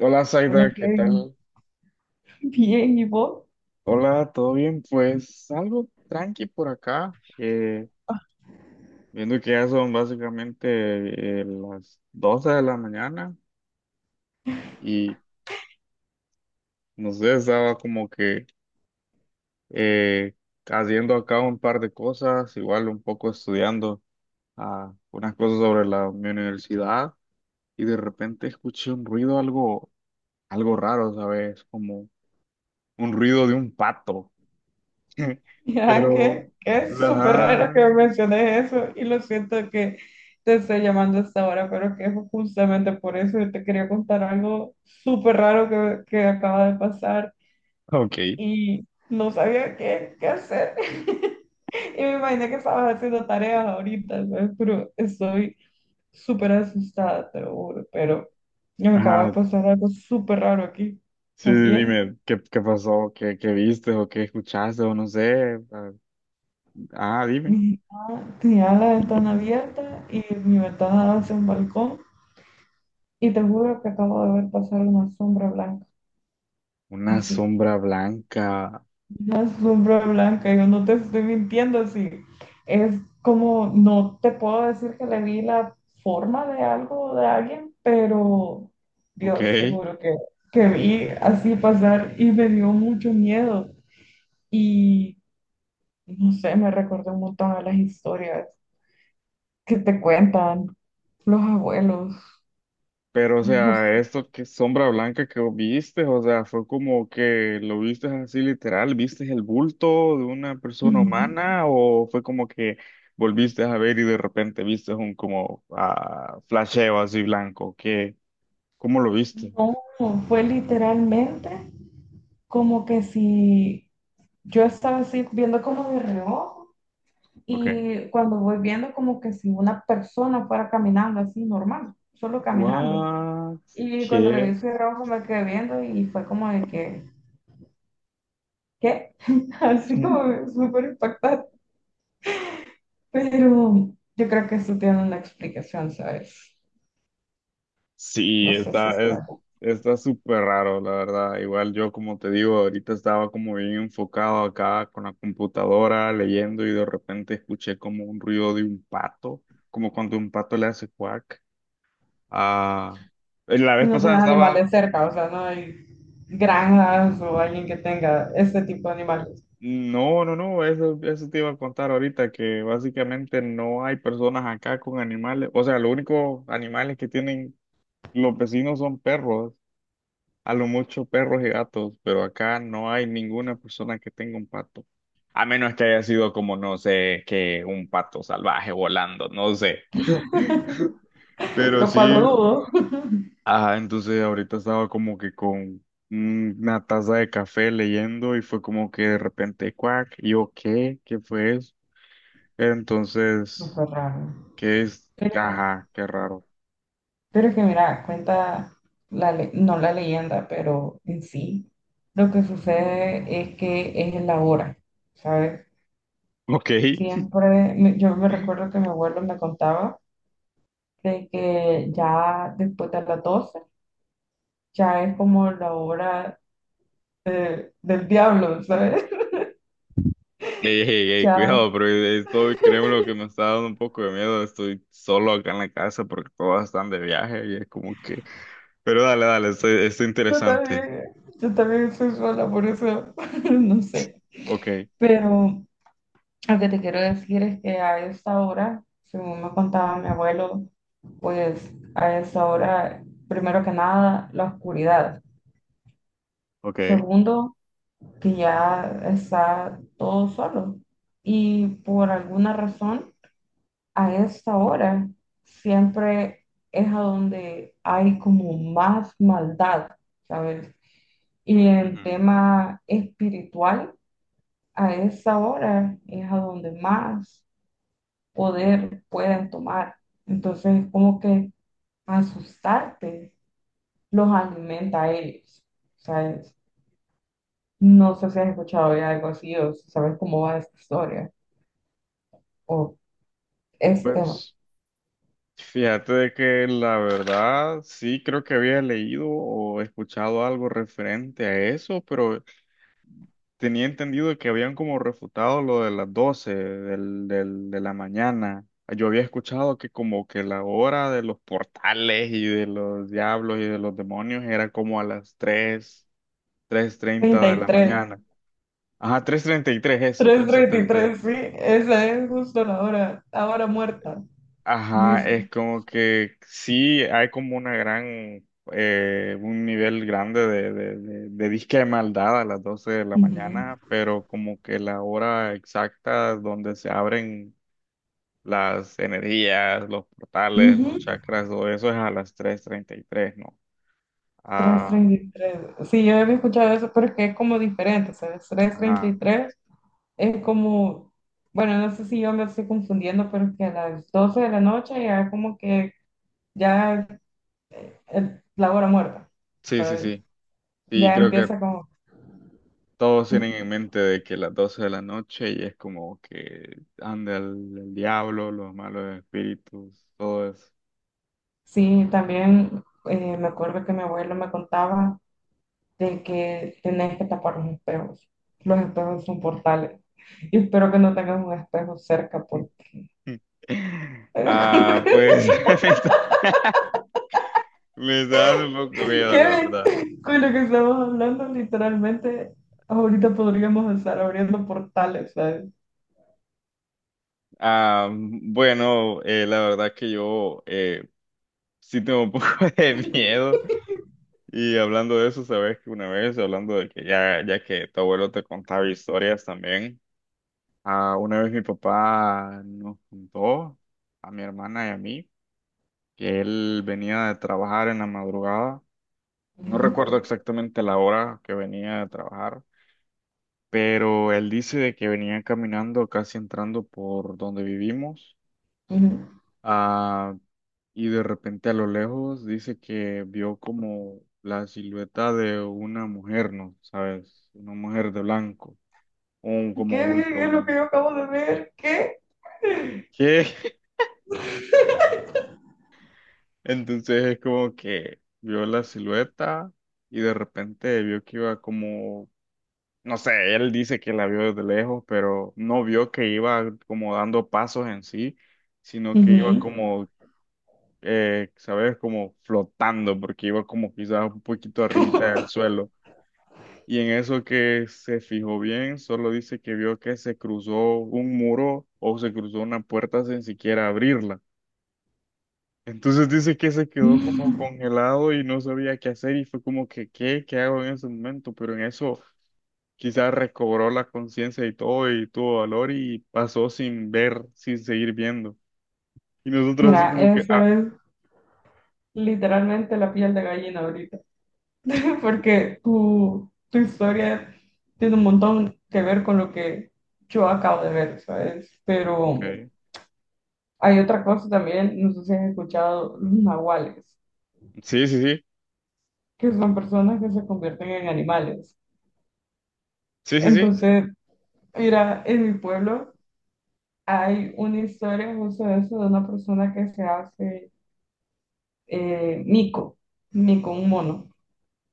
Hola Hola, Zaida, ¿qué Kevin. tal? Bien, ¿y vos? Hola, ¿todo bien? Pues algo tranqui por acá, viendo que ya son básicamente las 12 de la mañana y no sé, estaba como que eh, haciendo acá un par de cosas, igual un poco estudiando unas cosas sobre mi universidad y de repente escuché un ruido algo raro, ¿sabes? Como un ruido de un pato, Ya pero... que es súper raro Ajá. que me menciones eso y lo siento que te estoy llamando hasta ahora, pero que es justamente por eso que te quería contar algo súper raro que acaba de pasar Ok. y no sabía qué hacer. Y me imaginé que estabas haciendo tareas ahorita, ¿sabes? Pero estoy súper asustada, te lo juro, pero me acaba de Ajá. pasar algo súper raro aquí Sí, sí, también. dime, ¿qué pasó? ¿Qué viste o qué escuchaste o no sé? Ah, dime. Mi mamá tenía la ventana abierta y mi ventana daba hacia un balcón y te juro que acabo de ver pasar una sombra blanca, Una así, sombra blanca. una sombra blanca, yo no te estoy mintiendo, así, es como, no te puedo decir que le vi la forma de algo o de alguien, pero Ok. Dios, te juro que vi así pasar y me dio mucho miedo y no sé, me recordó un montón a las historias que te cuentan los abuelos. Pero, o No sea, sé. esto que sombra blanca que viste, o sea, fue como que lo viste así literal, ¿viste el bulto de una persona Ujú. humana o fue como que volviste a ver y de repente viste un como flasheo así blanco? ¿Qué? ¿Cómo lo viste? No, fue literalmente como que si yo estaba así viendo como de reojo Ok. y cuando voy viendo como que si una persona fuera caminando así normal, solo caminando. What? Y cuando le vi ¿Qué? su reojo me quedé viendo y fue como de que, ¿qué? Así como súper impactante. Pero yo creo que eso tiene una explicación, ¿sabes? Sí, No sé si está. Está súper raro, la verdad. Igual yo, como te digo, ahorita estaba como bien enfocado acá con la computadora, leyendo, y de repente escuché como un ruido de un pato, como cuando un pato le hace quack. Ah, la ¿Y vez no pasada tenés animales estaba... cerca? O sea, no hay granjas o alguien que tenga este tipo de animales, no, eso te iba a contar ahorita, que básicamente no hay personas acá con animales. O sea, los únicos animales que tienen los vecinos son perros. A lo mucho perros y gatos, pero acá no hay ninguna persona que tenga un pato. A menos que haya sido como, no sé, que un pato salvaje volando, no sé. Pero lo sí. cual lo dudo. Ajá, entonces ahorita estaba como que con una taza de café leyendo y fue como que de repente, cuac, y yo, ¿qué? ¿Qué fue eso? Entonces, Súper raro. ¿qué es? Pero, Ajá, qué raro. pero es que mira, cuenta, la no la leyenda, pero en sí, lo que sucede es que es en la hora, ¿sabes? Ok. Siempre, yo me recuerdo que mi abuelo me contaba de que ya después de las 12 ya es como la hora del diablo, ¿sabes? Ey, ey, ey, Ya, cuidado, pero esto, créeme lo que me está dando un poco de miedo. Estoy solo acá en la casa porque todos están de viaje y es como que. Pero dale, dale, esto es yo interesante. también, yo también soy sola, por eso no sé. Ok, Pero lo que te quiero decir es que a esa hora, según me contaba mi abuelo, pues a esa hora, primero que nada, la oscuridad. ok. Segundo, que ya está todo solo. Y por alguna razón, a esa hora siempre es a donde hay como más maldad, ¿sabes? Y en Ujú. tema espiritual, a esa hora es a donde más poder pueden tomar. Entonces es como que asustarte los alimenta a ellos, ¿sabes? No sé si has escuchado ya algo así o si sabes cómo va esta historia o este tema. Pues fíjate de que la verdad sí creo que había leído o escuchado algo referente a eso, pero tenía entendido que habían como refutado lo de las 12 de la mañana. Yo había escuchado que como que la hora de los portales y de los diablos y de los demonios era como a las tres 3 treinta de la 33, mañana. Ajá, 3:33. 333, sí, esa es justo la hora muerta, Ajá, dice. es como que sí hay como una gran, un nivel grande de disque de maldad a las 12 de la Ujú. mañana, pero como que la hora exacta donde se abren las energías, los portales, los Ujú. chakras, todo eso es a las 3:33, ¿no? Ah, 333. Sí, yo había escuchado eso, pero es que es como diferente, ¿sabes? ajá. 333. Es como, bueno, no sé si yo lo estoy confundiendo, pero es que a las 12 de la noche ya como que ya, la hora muerta, Sí, sí, ¿sabes? sí. Y Ya creo que empieza como... todos ¿Mm? tienen en mente de que las 12 de la noche y es como que anda el diablo, los malos espíritus, todo eso. Sí, también me acuerdo que mi abuelo me contaba de que tenés que tapar los espejos. Los espejos son portales. Y espero que no tengas un espejo cerca porque... con Ah, lo pues me está, me está dando un poco miedo, la verdad. Con lo que estamos hablando, literalmente, ahorita podríamos estar abriendo portales, ¿sabes? Ah, bueno, la verdad que yo sí tengo un poco de miedo. Y hablando de eso, sabes que una vez, hablando de que ya que tu abuelo te contaba historias también, una vez mi papá nos contó a mi hermana y a mí que él venía de trabajar en la madrugada. No Ujú, recuerdo exactamente la hora que venía de trabajar, pero él dice de que venía caminando casi entrando por donde vivimos. ujú. Ah, y de repente a lo lejos dice que vio como la silueta de una mujer, ¿no? ¿Sabes? Una mujer de blanco, un ¿Qué, qué, como qué bulto es lo que blanco. yo acabo de ver? ¿Qué? ¿Qué? Entonces es como que vio la silueta y de repente vio que iba como, no sé, él dice que la vio desde lejos, pero no vio que iba como dando pasos en sí, sino que iba Ujú. como ¿sabes? Como flotando, porque iba como quizás un poquito arribita del suelo. Y en eso que se fijó bien, solo dice que vio que se cruzó un muro o se cruzó una puerta sin siquiera abrirla. Entonces dice que se quedó como Mm, congelado y no sabía qué hacer y fue como que, ¿qué? ¿Qué hago en ese momento? Pero en eso quizás recobró la conciencia y todo y tuvo valor y pasó sin ver, sin seguir viendo. Y nosotros así mira, como que, eso ah, es literalmente la piel de gallina ahorita, porque tu historia tiene un montón que ver con lo que yo acabo de ver, ¿sabes? Pero ok. hay otra cosa también, no sé si has escuchado los nahuales, Sí, sí, sí, que son personas que se convierten en animales. sí, sí, sí, Entonces, mira, en mi pueblo hay una historia justo de eso, de una persona que se hace eh, mico, mico, un mono.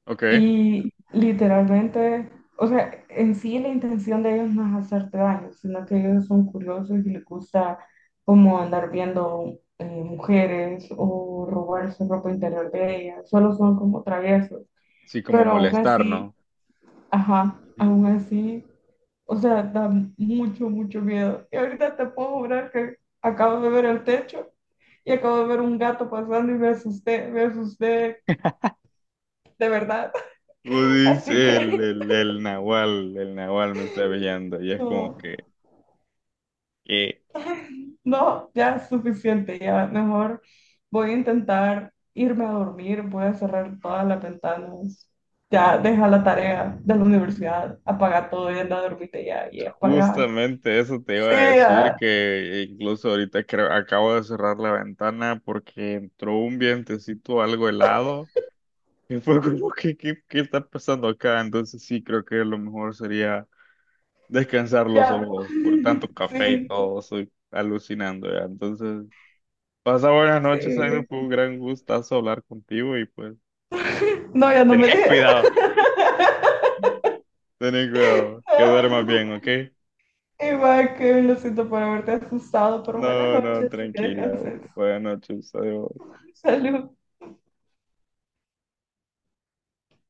ok. Y literalmente, o sea, en sí la intención de ellos no es hacerte daño, sino que ellos son curiosos y les gusta como andar viendo mujeres o robarse ropa interior de ellas. Solo son como traviesos. Sí, como Pero aún molestar, así, ¿no? ajá, Ujú. aún así, o sea, da mucho, mucho miedo. Y ahorita te puedo jurar que acabo de ver el techo y acabo de ver un gato pasando y me asusté de verdad. Vos dices, Así que el Nahual me está brillando. Y es como no, que no, ya es suficiente, ya mejor voy a intentar irme a dormir, voy a cerrar todas las ventanas, ya deja la tarea de la universidad, apaga todo y anda a dormirte ya y apaga. justamente eso te iba a Sí, decir, ya, que incluso ahorita creo, acabo de cerrar la ventana porque entró un vientecito algo helado. Y fue como que, ¿qué está pasando acá? Entonces sí, creo que lo mejor sería descansar los ya, ojos por tanto café y sí. todo. Estoy alucinando ya. Entonces, pasa buenas noches, Aida. Sí. Fue un gran gustazo hablar contigo y pues, No, ya no me ten dejes. cuidado. Ten cuidado, que duermas bien, ¿ok? Igual que lo siento por haberte asustado, pero buenas No, no, noches. Que tranquila. Bu- descanses. Buenas noches, adiós. Salud.